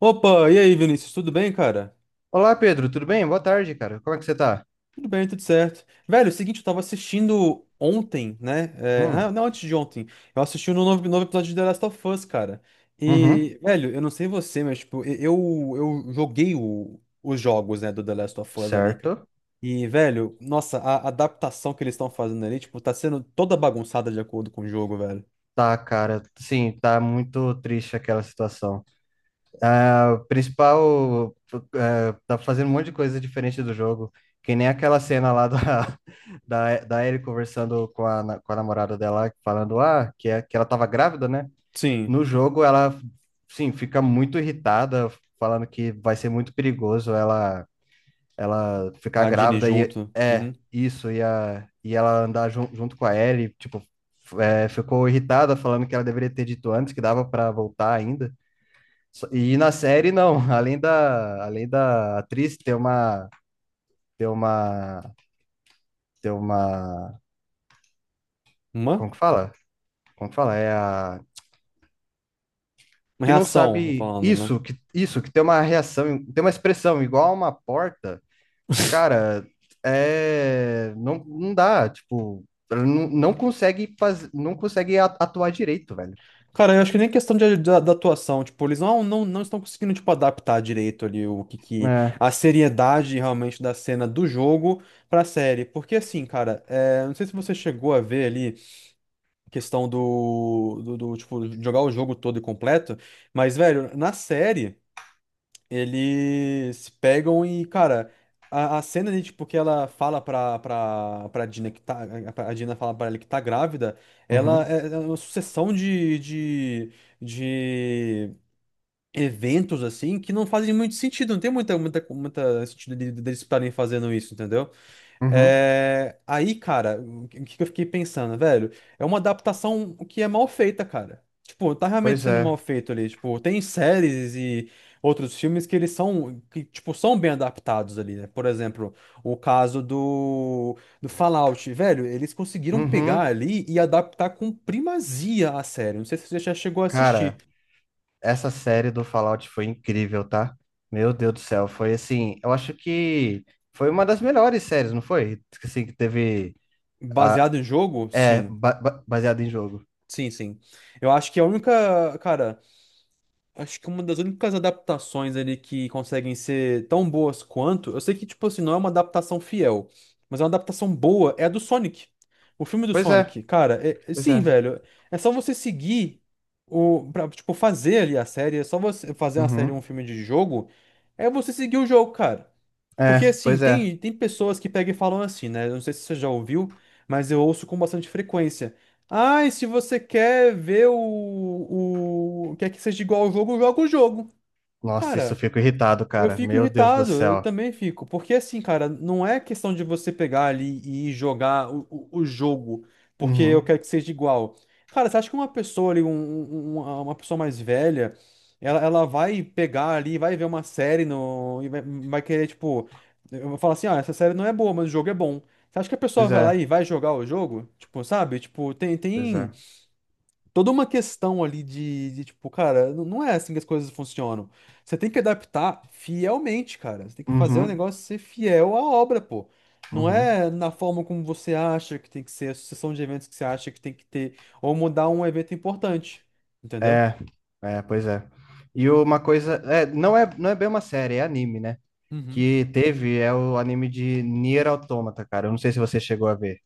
Opa, e aí, Vinícius, tudo bem, cara? Olá, Pedro, tudo bem? Boa tarde, cara. Como é que você tá? Tudo bem, tudo certo. Velho, é o seguinte, eu tava assistindo ontem, né? Hum. Não, antes de ontem. Eu assisti um novo episódio de The Last of Us, cara. Uhum. E, velho, eu não sei você, mas, tipo, eu joguei os jogos, né, do The Last of Us ali, cara. Certo. E, velho, nossa, a adaptação que eles estão fazendo ali, tipo, tá sendo toda bagunçada de acordo com o jogo, velho. Tá, cara, sim, tá muito triste aquela situação. Ah, o principal, é, tá fazendo um monte de coisa diferente do jogo, que nem aquela cena lá da, da Ellie conversando com a namorada dela, falando, ah, que ela tava grávida, né? Sim, No jogo, ela, sim, fica muito irritada, falando que vai ser muito perigoso ela ficar a Dini grávida e junto. é Uhum. isso e ela andar junto com a Ellie, tipo, ficou irritada falando que ela deveria ter dito antes que dava para voltar ainda. E na série não, além da atriz ter uma ter uma Uma? como que fala? Como que fala? É a Uma que não reação, tá sabe falando, né? Isso que tem uma reação, tem uma expressão igual a uma porta. Cara, é, não dá, tipo, ela não consegue fazer, não consegue atuar direito, velho. Cara, eu acho que nem questão de, da, da atuação, tipo, eles não estão conseguindo, tipo, adaptar direito ali o que É. a seriedade realmente da cena do jogo pra série. Porque assim, cara, é, não sei se você chegou a ver ali a questão do tipo, jogar o jogo todo e completo, mas, velho, na série. Eles pegam e, cara, a cena ali, tipo, que ela fala pra Dina que tá. A Dina fala pra ela que tá grávida, ela Uhum. é uma sucessão de eventos, assim, que não fazem muito sentido, não tem muita, muita, muita sentido de- deles estarem fazendo isso, entendeu? Uhum. É, aí, cara, o que eu fiquei pensando, velho? É uma adaptação que é mal feita, cara. Tipo, tá realmente Pois sendo é. mal feito ali. Tipo, tem séries e outros filmes que eles são, que, tipo, são bem adaptados ali, né? Por exemplo, o caso do Fallout, velho, eles conseguiram pegar Uhum. ali e adaptar com primazia a série. Não sei se você já chegou a assistir. Cara, essa série do Fallout foi incrível, tá? Meu Deus do céu, foi assim, eu acho que foi uma das melhores séries, não foi? Assim, que teve, a, Baseado em jogo? Sim. baseado em jogo. Sim, sim. Eu acho que a única, cara. Acho que uma das únicas adaptações ali que conseguem ser tão boas quanto, eu sei que, tipo assim, não é uma adaptação fiel, mas é uma adaptação boa, é a do Sonic. O filme do Pois é. Sonic, cara, Pois é. sim, velho, é só você seguir o, pra, tipo, fazer ali a série, é só você fazer uma série ou um Uhum. filme de jogo, é você seguir o jogo, cara. Porque É. assim, Pois é. tem, tem pessoas que pegam e falam assim, né? Eu não sei se você já ouviu, mas eu ouço com bastante frequência. Ah, e se você quer ver o... Quer que seja igual ao jogo, joga o jogo. Nossa, isso eu Cara, fico irritado, eu cara, fico meu Deus do irritado, eu céu. também fico. Porque assim, cara, não é questão de você pegar ali e jogar o jogo porque eu Uhum. quero que seja igual. Cara, você acha que uma pessoa ali, um- um- um, uma pessoa mais velha, ela vai pegar ali, vai ver uma série no, e vai, vai querer, tipo, eu vou falar assim, ah, essa série não é boa, mas o jogo é bom. Você acha que a pessoa Pois vai lá é. e vai jogar o jogo? Tipo, sabe? Tipo, tem, Pois tem é. toda uma questão ali de, tipo, cara, n- não é assim que as coisas funcionam. Você tem que adaptar fielmente, cara. Você tem que fazer o Uhum. negócio ser fiel à obra, pô. Não Uhum. é na forma como você acha que tem que ser, a sucessão de eventos que você acha que tem que ter, ou mudar um evento importante. Entendeu? É, é, pois é. E uma coisa, não é bem uma série, é anime, né? Uhum. Que teve é o anime de Nier Automata, cara. Eu não sei se você chegou a ver.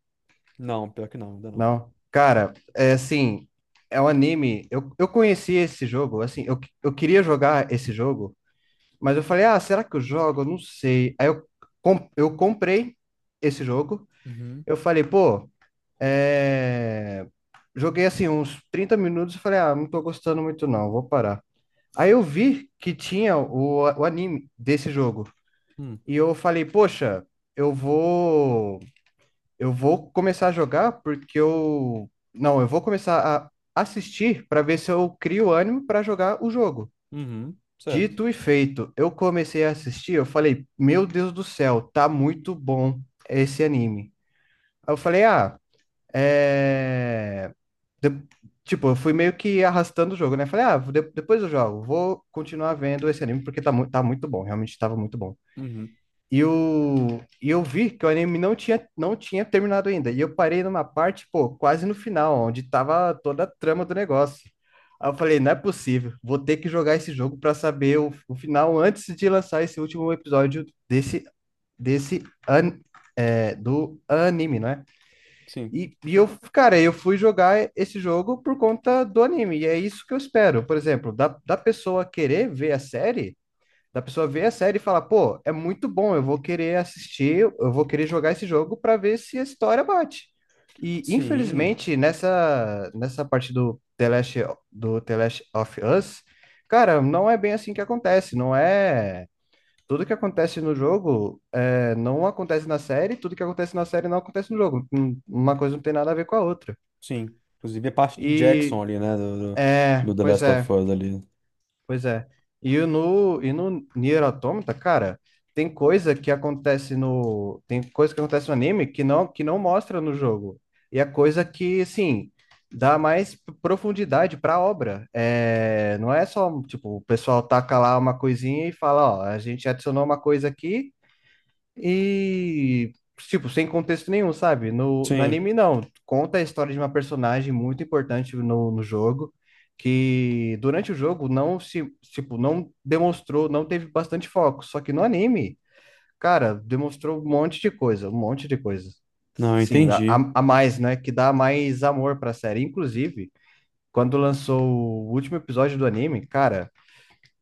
Não, pior que não, ainda não. Não? Cara, é assim, é um anime. Eu conheci esse jogo, assim, eu queria jogar esse jogo, mas eu falei, ah, será que eu jogo? Eu não sei. Aí eu comprei esse jogo. Uhum. Eu falei, pô. É, Joguei assim uns 30 minutos e falei, ah, não tô gostando muito não, vou parar. Aí eu vi que tinha o anime desse jogo. Hum. E eu falei, poxa, eu vou. Eu vou começar a jogar porque eu. Não, eu vou começar a assistir para ver se eu crio ânimo para jogar o jogo. Uhum, certo. Dito e feito, eu comecei a assistir, eu falei, meu Deus do céu, tá muito bom esse anime. Aí eu falei, ah, é. de- tipo, eu fui meio que arrastando o jogo, né? Falei, ah, depois eu jogo, vou continuar vendo esse anime porque tá muito bom, realmente estava muito bom. Uhum, E, e eu vi que o anime não tinha terminado ainda. E eu parei numa parte, pô, quase no final, onde tava toda a trama do negócio. Aí eu falei, não é possível, vou ter que jogar esse jogo para saber o final antes de lançar esse último episódio desse an, do anime, não é? sim. E eu, cara, eu fui jogar esse jogo por conta do anime, e é isso que eu espero. Por exemplo, da pessoa querer ver a série, da pessoa ver a série e falar, pô, é muito bom, eu vou querer assistir, eu vou querer jogar esse jogo para ver se a história bate. E Sim, infelizmente, nessa parte do The Last of Us, cara, não é bem assim que acontece, não é tudo que acontece no jogo não acontece na série, tudo que acontece na série não acontece no jogo. Uma coisa não tem nada a ver com a outra. sim. Inclusive a parte de Jackson E ali, né? Do, do, é, do The pois Last of é, Us ali. pois é. E no Nier Automata, cara, tem coisa que acontece no, tem coisa que acontece no anime que não mostra no jogo. E é coisa que, assim, dá mais profundidade para a obra. É, não é só, tipo, o pessoal taca lá uma coisinha e fala, ó, a gente adicionou uma coisa aqui. E, tipo, sem contexto nenhum, sabe? No Sim. anime, não. Conta a história de uma personagem muito importante no jogo, que durante o jogo não se, tipo, não demonstrou, não teve bastante foco. Só que no anime, cara, demonstrou um monte de coisa, um monte de coisa. Não, eu Sim, a, a entendi. a mais, né? Que dá mais amor pra série. Inclusive, quando lançou o último episódio do anime, cara,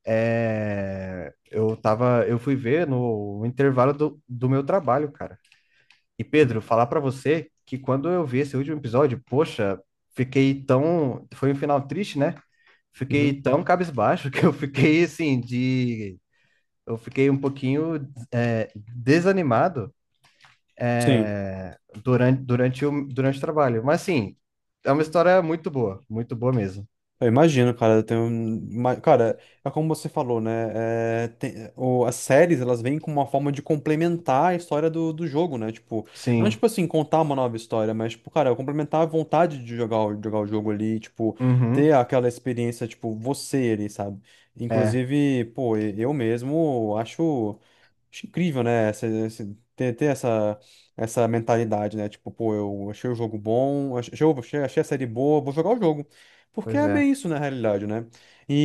eu fui ver no intervalo do meu trabalho, cara. E Pedro, falar pra você que quando eu vi esse último episódio, poxa, fiquei tão. Foi um final triste, né? Uhum. Fiquei tão cabisbaixo que eu fiquei assim, de. Eu fiquei um pouquinho desanimado, Sim, é, durante o trabalho. Mas, assim, é uma história muito boa mesmo. eu imagino, cara. Tem um... ima- cara, é como você falou, né? É, tem- o- as séries, elas vêm com uma forma de complementar a história do jogo, né? Tipo, não Sim. tipo assim, contar uma nova história, mas, tipo, cara, complementar a vontade de jogar, o- jogar o jogo ali, tipo, ter Uhum. aquela experiência, tipo, você ali, sabe? É, Inclusive, pô, eu mesmo acho. Acho incrível, né? Ter essa mentalidade, né? Tipo, pô, eu achei o jogo bom, achei a série boa, vou jogar o jogo. Porque pois é é. bem isso, na realidade, né?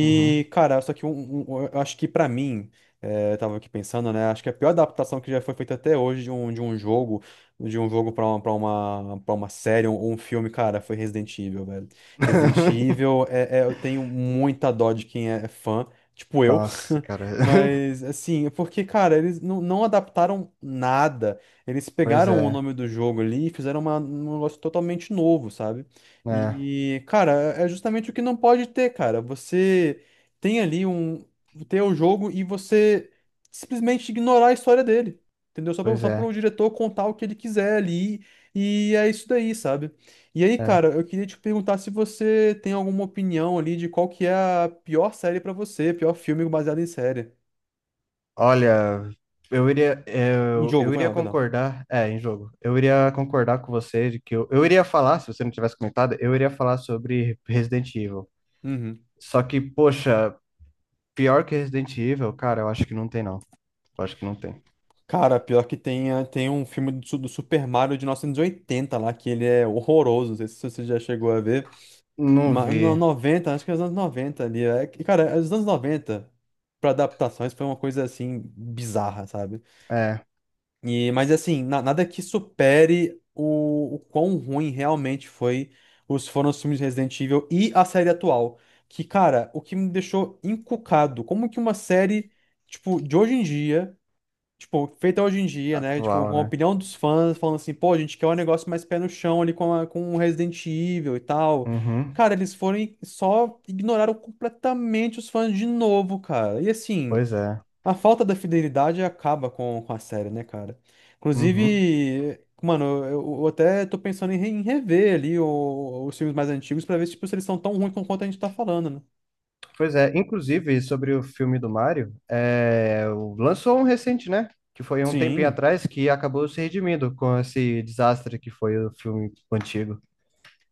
Uhum. cara, só que eu acho que pra mim, é, eu tava aqui pensando, né? Acho que a pior adaptação que já foi feita até hoje de um, de um jogo pra uma série ou um filme, cara, foi Resident Evil, velho. Resident Evil, eu tenho muita dó de quem é fã, tipo eu. Nossa, cara. Mas, assim, é porque, cara, eles não adaptaram nada. Eles Pois pegaram o é. nome do jogo ali e fizeram um negócio totalmente novo, sabe? É, E, cara, é justamente o que não pode ter, cara. Você tem ali um. Ter o jogo e você simplesmente ignorar a história dele. Entendeu? Só para pois só pro é. diretor contar o que ele quiser ali. E é isso daí, sabe? E aí, É. cara, eu queria te perguntar se você tem alguma opinião ali de qual que é a pior série pra você, pior filme baseado em série. Olha, eu iria, Em eu, jogo, eu foi iria lá, perdão. concordar, em jogo, eu iria concordar com você de que eu iria falar, se você não tivesse comentado, eu iria falar sobre Resident Evil. Uhum. Só que, poxa, pior que Resident Evil, cara, eu acho que não tem, não. Eu acho que não tem. Cara, pior que tem, tem um filme do Super Mario de 1980 lá, que ele é horroroso, não sei se você já chegou a ver. Não Mas vi. no noventa acho que é os anos 90 ali. É, que, cara, é os anos 90 pra adaptações, foi uma coisa assim, bizarra, sabe? É, E, mas assim, nada que supere o quão ruim realmente foi os, foram os filmes de Resident Evil e a série atual. Que, cara, o que me deixou encucado, como que uma série, tipo, de hoje em dia tipo, feita hoje em dia, né? Tipo, atual, com a né? opinião dos fãs, falando assim, pô, a gente quer um negócio mais pé no chão ali com, a, com o Resident Evil e tal. Uhum. Cara, eles foram e só ignoraram completamente os fãs de novo, cara. E assim, Pois é. a falta da fidelidade acaba com a série, né, cara? Uhum. Inclusive, mano, eu até tô pensando em rever ali os filmes mais antigos pra ver tipo, se eles são tão ruins quanto a gente tá falando, né? Pois é, inclusive sobre o filme do Mario, lançou um recente, né? Que foi um tempinho Sim, atrás que acabou se redimindo com esse desastre que foi o filme antigo.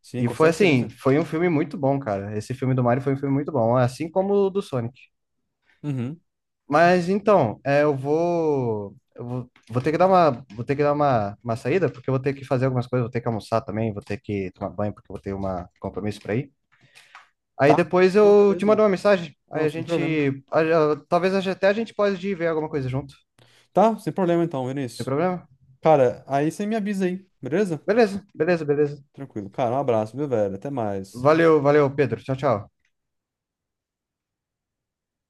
sim, E com foi assim, certeza. foi um filme muito bom, cara. Esse filme do Mario foi um filme muito bom, assim como o do Sonic. Uhum. Mas então, vou ter que dar uma, vou ter que dar uma saída, porque eu vou ter que fazer algumas coisas, vou ter que almoçar também, vou ter que tomar banho, porque eu vou ter um compromisso para ir. Aí Tá? depois Não, eu te beleza. mando uma mensagem. Aí Não, a sem problema. gente. a- talvez até a gente pode ir ver alguma coisa junto. Tá, sem problema então, Sem Vinícius. problema? Cara, aí você me avisa aí, beleza? Beleza, beleza, beleza. Tranquilo. Cara, um abraço, viu, velho? Até mais. Valeu, valeu, Pedro. Tchau, tchau.